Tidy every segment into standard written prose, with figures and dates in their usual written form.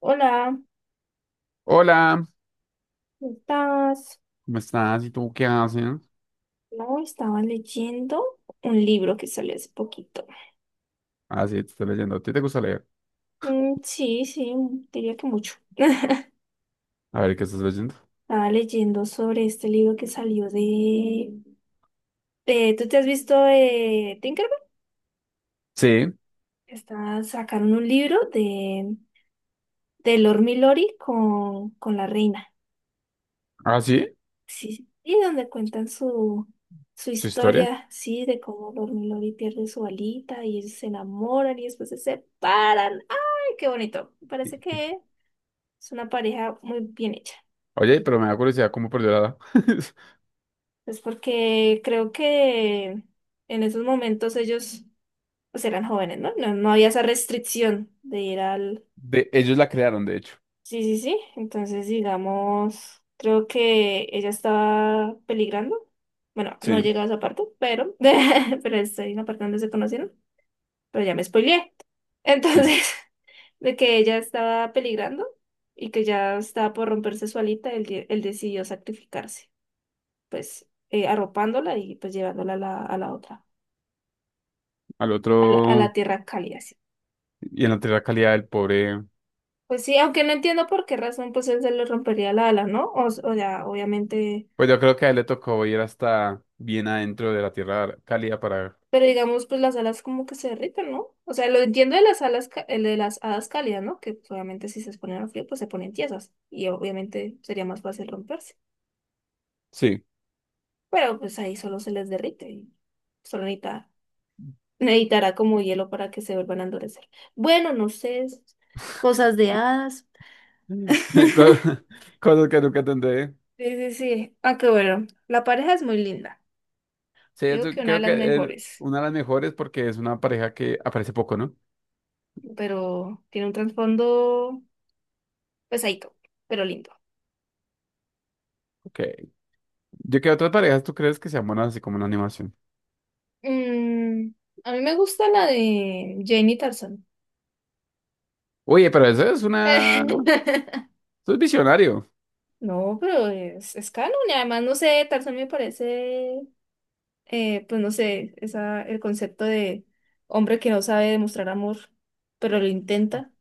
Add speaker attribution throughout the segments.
Speaker 1: Hola,
Speaker 2: Hola,
Speaker 1: ¿cómo estás?
Speaker 2: ¿cómo estás? ¿Y tú qué haces?
Speaker 1: No, estaba leyendo un libro que salió hace poquito.
Speaker 2: Ah, sí, te estoy leyendo. ¿A ti te gusta leer?
Speaker 1: Sí, sí, diría que mucho.
Speaker 2: A ver, ¿qué estás leyendo?
Speaker 1: Estaba leyendo sobre este libro que salió ¿tú te has visto de Tinkerbell?
Speaker 2: Sí.
Speaker 1: Está, sacaron un libro de Lord Milori con la reina.
Speaker 2: Ah, sí,
Speaker 1: Sí, y donde cuentan su
Speaker 2: su historia.
Speaker 1: historia, sí, de cómo dormilón y pierde su alita y ellos se enamoran y después se separan. ¡Ay, qué bonito! Me
Speaker 2: Sí,
Speaker 1: parece
Speaker 2: sí.
Speaker 1: que es una pareja muy bien hecha.
Speaker 2: Oye, pero me da curiosidad cómo perdió la edad.
Speaker 1: Es porque creo que en esos momentos ellos pues eran jóvenes, ¿no? No había esa restricción de ir al.
Speaker 2: De, ellos la crearon, de hecho.
Speaker 1: Sí, sí, sí. Entonces, digamos, creo que ella estaba peligrando. Bueno, no he
Speaker 2: Sí,
Speaker 1: llegado a esa parte, pero, pero estoy en la parte donde se conocieron. Pero ya me spoileé.
Speaker 2: sí.
Speaker 1: Entonces, de que ella estaba peligrando y que ya estaba por romperse su alita, él decidió sacrificarse, pues arropándola y pues llevándola a la otra,
Speaker 2: Al
Speaker 1: a la
Speaker 2: otro
Speaker 1: tierra cálida. Sí.
Speaker 2: y en la tierra cálida del pobre.
Speaker 1: Pues sí, aunque no entiendo por qué razón pues él se le rompería la ala, ¿no? O ya, obviamente.
Speaker 2: Pues yo creo que a él le tocó ir hasta bien adentro de la tierra cálida para.
Speaker 1: Pero digamos, pues las alas como que se derriten, ¿no? O sea, lo entiendo de las alas, el de las hadas cálidas, ¿no? Que pues, obviamente si se exponen al frío, pues se ponen tiesas. Y obviamente sería más fácil romperse.
Speaker 2: Sí.
Speaker 1: Pero pues ahí solo se les derrite. Y solo necesita, necesitará como hielo para que se vuelvan a endurecer. Bueno, no sé. Es Cosas de hadas.
Speaker 2: Co- Cosas que nunca entenderé.
Speaker 1: Sí, sí, sí. Aunque bueno, la pareja es muy linda.
Speaker 2: Sí,
Speaker 1: Digo
Speaker 2: eso
Speaker 1: que una de
Speaker 2: creo
Speaker 1: las
Speaker 2: que es
Speaker 1: mejores.
Speaker 2: una de las mejores porque es una pareja que aparece poco, ¿no?
Speaker 1: Pero tiene un trasfondo pesadito, pero lindo.
Speaker 2: Ok. Yo que otras parejas tú crees que sean buenas así como una animación.
Speaker 1: Mm, a mí me gusta la de Jane Tarzan.
Speaker 2: Oye, pero eso es una...
Speaker 1: Tarzán.
Speaker 2: Eso es visionario.
Speaker 1: No, pero es canon y además, no sé, Tarzan me parece, pues no sé, esa, el concepto de hombre que no sabe demostrar amor, pero lo intenta.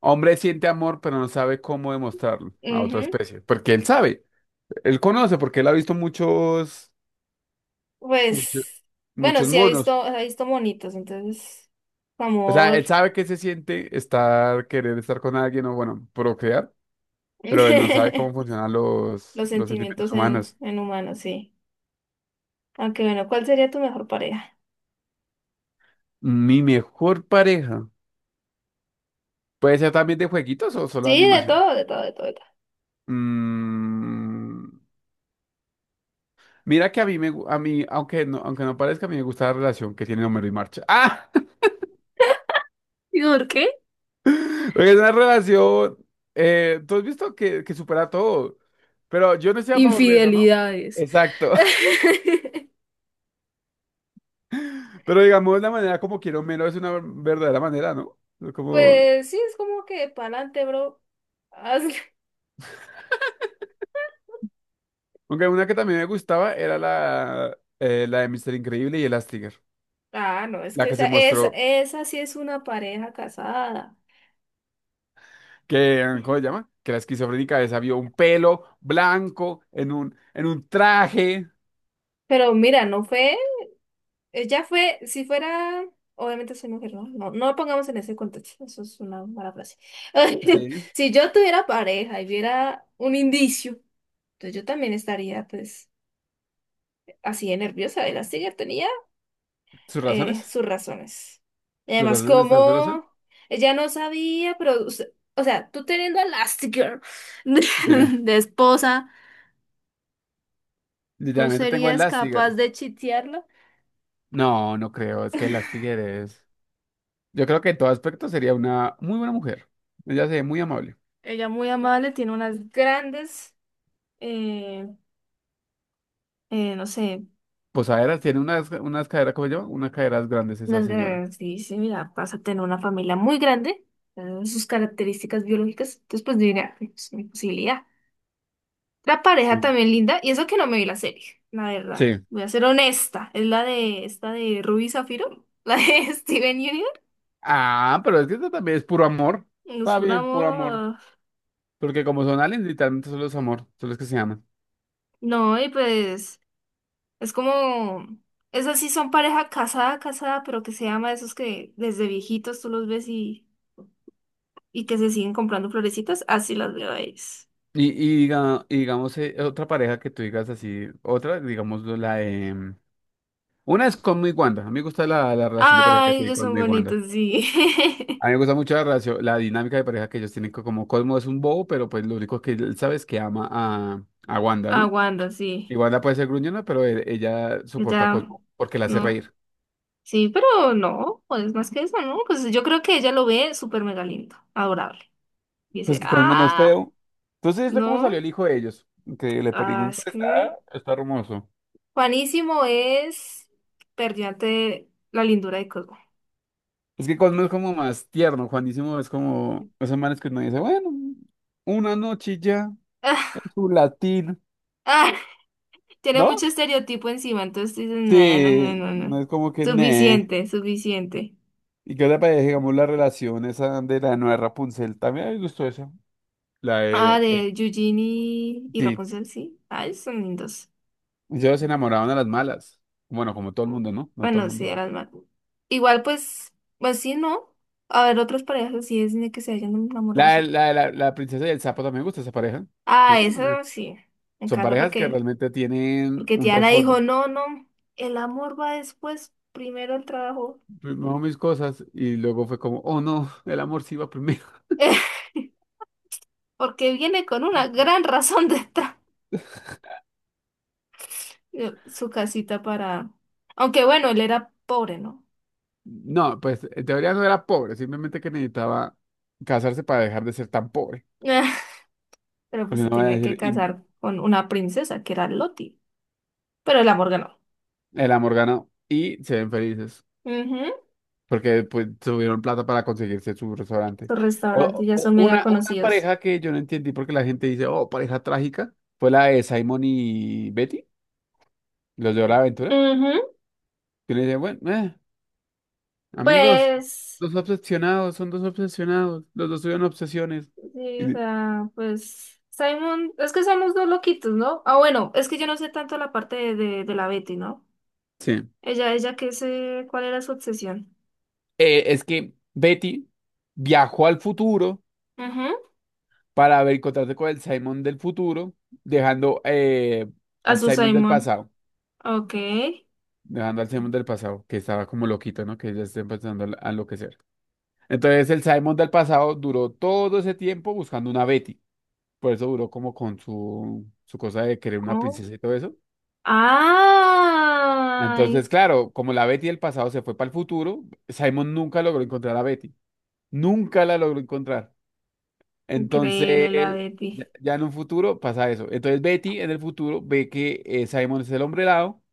Speaker 2: Hombre siente amor, pero no sabe cómo demostrarlo a otra
Speaker 1: Ujú.
Speaker 2: especie. Porque él sabe. Él conoce, porque él ha visto muchos... Muchos,
Speaker 1: Pues, bueno,
Speaker 2: muchos
Speaker 1: sí,
Speaker 2: monos.
Speaker 1: ha visto monitos, entonces,
Speaker 2: O sea,
Speaker 1: amor,
Speaker 2: él sabe que se siente estar, querer estar con alguien o, bueno, procrear. Pero él no sabe cómo funcionan
Speaker 1: los
Speaker 2: los sentimientos
Speaker 1: sentimientos en,
Speaker 2: humanos.
Speaker 1: en humanos, sí. Aunque bueno, ¿cuál sería tu mejor pareja?
Speaker 2: Mi mejor pareja. ¿Puede ser también de jueguitos o solo de
Speaker 1: Sí, de
Speaker 2: animación?
Speaker 1: todo, de todo, de todo, de todo.
Speaker 2: Mm, Mira que a mí a mí, aunque no parezca, a mí me gusta la relación que tienen Homero y Marcha. ¡Ah!
Speaker 1: ¿Y por qué?
Speaker 2: Porque es una relación, tú has visto que supera todo, pero yo no estoy a favor de eso, ¿no?
Speaker 1: Infidelidades.
Speaker 2: Exacto. Pero digamos, la manera como quiero Homero es una verdadera manera, ¿no? Como,
Speaker 1: Pues sí, es como que pa'lante, bro. Hazle.
Speaker 2: aunque una que también me gustaba era la, la de Mister Increíble y Elastigirl,
Speaker 1: Ah, no, es
Speaker 2: la
Speaker 1: que
Speaker 2: que
Speaker 1: esa,
Speaker 2: se
Speaker 1: esa,
Speaker 2: mostró
Speaker 1: esa sí es una pareja casada.
Speaker 2: que, ah, ¿cómo se llama? Que la esquizofrénica esa vio un pelo blanco en un traje.
Speaker 1: Pero mira, ella fue, si fuera, obviamente soy mujer, no, no, no lo pongamos en ese contexto, eso es una mala frase.
Speaker 2: Sí.
Speaker 1: Si yo tuviera pareja y viera un indicio, entonces yo también estaría pues así de nerviosa, de la tenía.
Speaker 2: ¿Sus razones?
Speaker 1: Sus razones. Y además,
Speaker 2: ¿Celosa? ¿Estás celosa?
Speaker 1: como ella no sabía, o sea, tú teniendo a Elastigirl de,
Speaker 2: Sí.
Speaker 1: de esposa, ¿tú
Speaker 2: Literalmente tengo
Speaker 1: serías capaz
Speaker 2: Elastigirl.
Speaker 1: de chitearla?
Speaker 2: No, no creo. Es que Elastigirl es. Yo creo que en todo aspecto sería una muy buena mujer. Ella se ve muy amable.
Speaker 1: Ella muy amable, tiene unas grandes, eh, no sé,
Speaker 2: Posaderas tiene unas, unas caderas, ¿cómo se llama? Unas caderas grandes esa
Speaker 1: unas
Speaker 2: señora.
Speaker 1: grandes, dice, mira, vas a tener una familia muy grande, sus características biológicas, entonces pues yo diría, "Ay, pues, mi posibilidad. La pareja
Speaker 2: Mm.
Speaker 1: también linda, y eso que no me vi la serie, la verdad.
Speaker 2: Sí.
Speaker 1: Voy a ser honesta, es la de esta de Ruby Zafiro, la de Steven Universe.
Speaker 2: Ah, pero es que esto también es puro amor.
Speaker 1: Nos
Speaker 2: Está bien, puro amor.
Speaker 1: fundamos.
Speaker 2: Porque como son aliens, literalmente solo es amor. Solo es que se aman.
Speaker 1: No, y pues es como esas sí son pareja casada, casada, pero que se llama esos que desde viejitos tú los ves y que se siguen comprando florecitas, así las veo a ellos.
Speaker 2: Y digamos, otra pareja que tú digas así, otra, digamos, la de. Una es con y Wanda. A mí me gusta la relación de pareja que
Speaker 1: Ay,
Speaker 2: tiene
Speaker 1: ellos
Speaker 2: con
Speaker 1: son
Speaker 2: y Wanda.
Speaker 1: bonitos, sí.
Speaker 2: A mí me gusta mucho la relación, la dinámica de pareja que ellos tienen, como Cosmo es un bobo, pero pues lo único que él sabe es que ama a Wanda, ¿no?
Speaker 1: Aguanta, sí.
Speaker 2: Y Wanda puede ser gruñona, pero ella soporta a
Speaker 1: Ya,
Speaker 2: Cosmo porque la hace
Speaker 1: no.
Speaker 2: reír.
Speaker 1: Sí, pero no, pues más que eso, ¿no? Pues yo creo que ella lo ve súper mega lindo, adorable. Y dice,
Speaker 2: Pues que Cosmo no es
Speaker 1: ah,
Speaker 2: feo. Entonces, ¿esto cómo
Speaker 1: no,
Speaker 2: salió el hijo de ellos? Que le pedí
Speaker 1: ah,
Speaker 2: un
Speaker 1: es que
Speaker 2: está, está hermoso.
Speaker 1: Juanísimo es perdió ante la lindura de Cosmo.
Speaker 2: Es que Cosmo es como más tierno, Juanísimo es como esos manes que uno dice, bueno, una noche y ya, en
Speaker 1: Ah,
Speaker 2: su latín,
Speaker 1: ah, tiene
Speaker 2: ¿no?
Speaker 1: mucho estereotipo encima, entonces dices, no, no, no,
Speaker 2: Sí,
Speaker 1: no, no.
Speaker 2: no es como que, ne.
Speaker 1: Suficiente, suficiente.
Speaker 2: ¿Y qué te parece, digamos, la relación esa de la nueva Rapunzel? También me gustó esa. La
Speaker 1: Ah,
Speaker 2: de...
Speaker 1: de Eugene y
Speaker 2: sí,
Speaker 1: Rapunzel, sí. Ay, son lindos.
Speaker 2: ellos se enamoraban a las malas. Bueno, como todo el mundo, ¿no? No todo el
Speaker 1: Bueno, sí,
Speaker 2: mundo.
Speaker 1: eran más. Igual, pues, pues sí, ¿no? A ver, otras parejas así es de que se hayan enamorado así.
Speaker 2: La princesa y el sapo también me gusta esa pareja. ¿No?
Speaker 1: Ah,
Speaker 2: También.
Speaker 1: esa sí. Me
Speaker 2: Son
Speaker 1: encanta
Speaker 2: parejas que realmente tienen
Speaker 1: porque
Speaker 2: un
Speaker 1: Tiana dijo,
Speaker 2: trasfondo.
Speaker 1: no, no, el amor va después, primero el trabajo.
Speaker 2: Primero mis cosas y luego fue como, oh no, el amor sí iba primero.
Speaker 1: Porque viene con una gran razón de estar su casita Aunque bueno, él era pobre, ¿no?
Speaker 2: No, pues en teoría no era pobre, simplemente que necesitaba casarse para dejar de ser tan pobre.
Speaker 1: Pero pues
Speaker 2: Porque
Speaker 1: se
Speaker 2: no voy a
Speaker 1: tenía que
Speaker 2: decir, y
Speaker 1: casar con una princesa que era Loti. Pero el amor ganó.
Speaker 2: el amor ganó y se ven felices.
Speaker 1: Ujú.
Speaker 2: Porque pues, tuvieron plata para conseguirse su restaurante.
Speaker 1: Sus restaurantes ya son mega
Speaker 2: Una
Speaker 1: conocidos.
Speaker 2: pareja que yo no entendí porque la gente dice, oh, pareja trágica, fue la de Simon y Betty, los de Hora de
Speaker 1: Ujú.
Speaker 2: Aventura. Y le dice, bueno, amigos,
Speaker 1: Pues,
Speaker 2: dos obsesionados, son dos obsesionados, los dos tuvieron obsesiones.
Speaker 1: sí,
Speaker 2: Y
Speaker 1: o
Speaker 2: le-
Speaker 1: sea, pues Simon, es que somos dos loquitos, ¿no? Ah, bueno, es que yo no sé tanto la parte de la Betty, ¿no?
Speaker 2: sí.
Speaker 1: Ella, ¿qué sé? ¿Cuál era su obsesión?
Speaker 2: Es que Betty viajó al futuro
Speaker 1: Ujú.
Speaker 2: para encontrarse con el Simon del futuro, dejando
Speaker 1: A
Speaker 2: al
Speaker 1: su
Speaker 2: Simon del
Speaker 1: Simon.
Speaker 2: pasado.
Speaker 1: Ok.
Speaker 2: Dejando al Simon del pasado, que estaba como loquito, ¿no? Que ya está empezando a enloquecer. Entonces el Simon del pasado duró todo ese tiempo buscando una Betty. Por eso duró como con su cosa de querer una
Speaker 1: Oh.
Speaker 2: princesa y todo eso.
Speaker 1: ¡Ay!
Speaker 2: Entonces, claro, como la Betty del pasado se fue para el futuro, Simon nunca logró encontrar a Betty. Nunca la logró encontrar.
Speaker 1: Increíble la
Speaker 2: Entonces,
Speaker 1: Betty.
Speaker 2: ya en un futuro pasa eso. Entonces Betty en el futuro ve que Simon es el hombre helado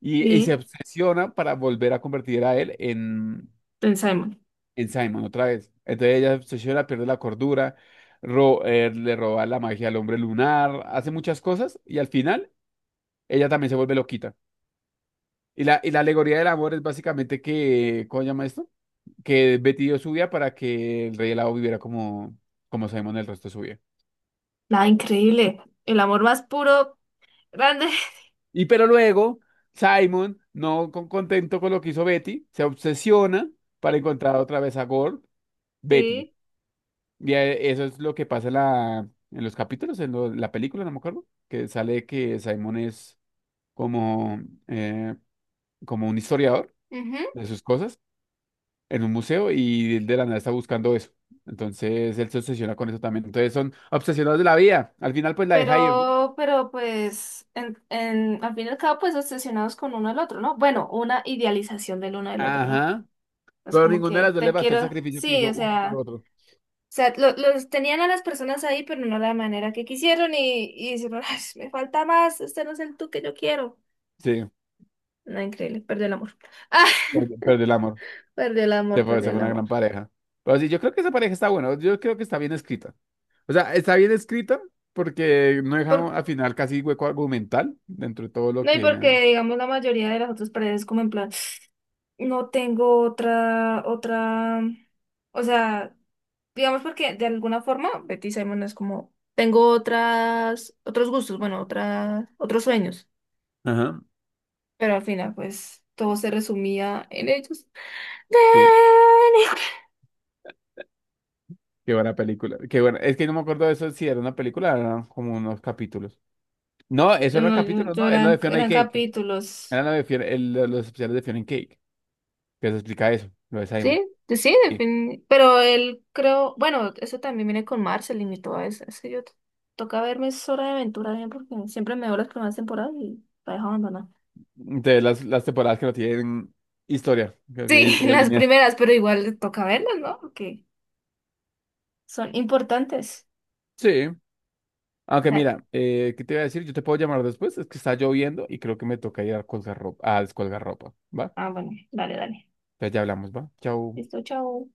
Speaker 2: y se
Speaker 1: Sí,
Speaker 2: obsesiona para volver a convertir a él
Speaker 1: en Simon.
Speaker 2: en Simon otra vez. Entonces ella se obsesiona, pierde la cordura, le roba la magia al hombre lunar, hace muchas cosas y al final ella también se vuelve loquita. Y la alegoría del amor es básicamente que, ¿cómo se llama esto? Que Betty dio su vida para que el rey helado viviera como, como Simon el resto de su vida.
Speaker 1: Nada, increíble. El amor más puro, grande.
Speaker 2: Y pero luego Simon, no con- contento con lo que hizo Betty, se obsesiona para encontrar otra vez a Gold, Betty.
Speaker 1: Sí.
Speaker 2: Ya, eso es lo que pasa en, en los capítulos, en la película, no me acuerdo, que sale que Simon es como, eh, como un historiador de sus cosas en un museo y él de la nada está buscando eso. Entonces él se obsesiona con eso también. Entonces son obsesionados de la vida. Al final pues la deja ir, ¿no?
Speaker 1: Pero pues, al fin y al cabo, pues obsesionados con uno al otro, ¿no? Bueno, una idealización del uno del otro, ¿no?
Speaker 2: Ajá.
Speaker 1: Es
Speaker 2: Pero
Speaker 1: como
Speaker 2: ninguna de las
Speaker 1: que
Speaker 2: dos le
Speaker 1: te
Speaker 2: bastó el
Speaker 1: quiero,
Speaker 2: sacrificio que
Speaker 1: sí,
Speaker 2: hizo uno por
Speaker 1: o
Speaker 2: otro.
Speaker 1: sea, lo- los tenían a las personas ahí, pero no la manera que quisieron y dijeron, "Ay, me falta más, este no es el tú que yo quiero.
Speaker 2: Sí,
Speaker 1: No, increíble, perdió el amor. Ah,
Speaker 2: perdió el amor.
Speaker 1: perdió el amor, perdió
Speaker 2: Se fue
Speaker 1: el
Speaker 2: una gran
Speaker 1: amor.
Speaker 2: pareja. Pero sí, yo creo que esa pareja está buena. Yo creo que está bien escrita. O sea, está bien escrita porque no
Speaker 1: Por-
Speaker 2: dejaron al final casi hueco argumental dentro de todo lo
Speaker 1: no, y
Speaker 2: que...
Speaker 1: porque, digamos, la mayoría de las otras paredes como en plan, no tengo otra, otra, o sea... Digamos porque de alguna forma Betty Simon es como, tengo otras, otros gustos, bueno, otras, otros sueños,
Speaker 2: Ajá,
Speaker 1: pero al final pues todo se resumía en ellos.
Speaker 2: sí. Qué buena película. Qué buena. Es que no me acuerdo de eso si era una película, eran como unos capítulos. No, eso
Speaker 1: Ven.
Speaker 2: eran
Speaker 1: No, yo-
Speaker 2: capítulos,
Speaker 1: yo
Speaker 2: no, era la
Speaker 1: eran,
Speaker 2: de Fiona y
Speaker 1: eran
Speaker 2: Cake.
Speaker 1: capítulos,
Speaker 2: Era la de los especiales de Fiona y Cake, que se explica eso, lo de Simon.
Speaker 1: sí, sí,
Speaker 2: Sí.
Speaker 1: pero él creo, bueno, eso también viene con Marceline y todo eso, es que toca verme es Hora de Aventura bien porque siempre me veo las primeras temporadas y la dejo abandonada.
Speaker 2: De las temporadas que no tienen historia, que no
Speaker 1: Sí,
Speaker 2: tienen historia
Speaker 1: las
Speaker 2: lineal.
Speaker 1: primeras, pero igual toca verlas, ¿no? Porque son importantes.
Speaker 2: Sí. Aunque mira, ¿qué te iba a decir? Yo te puedo llamar después, es que está lloviendo y creo que me toca ir a colgar ropa, a descolgar ropa, ¿va?
Speaker 1: Ah, bueno, dale, dale.
Speaker 2: Entonces ya hablamos, ¿va? Chau.
Speaker 1: Listo, chao.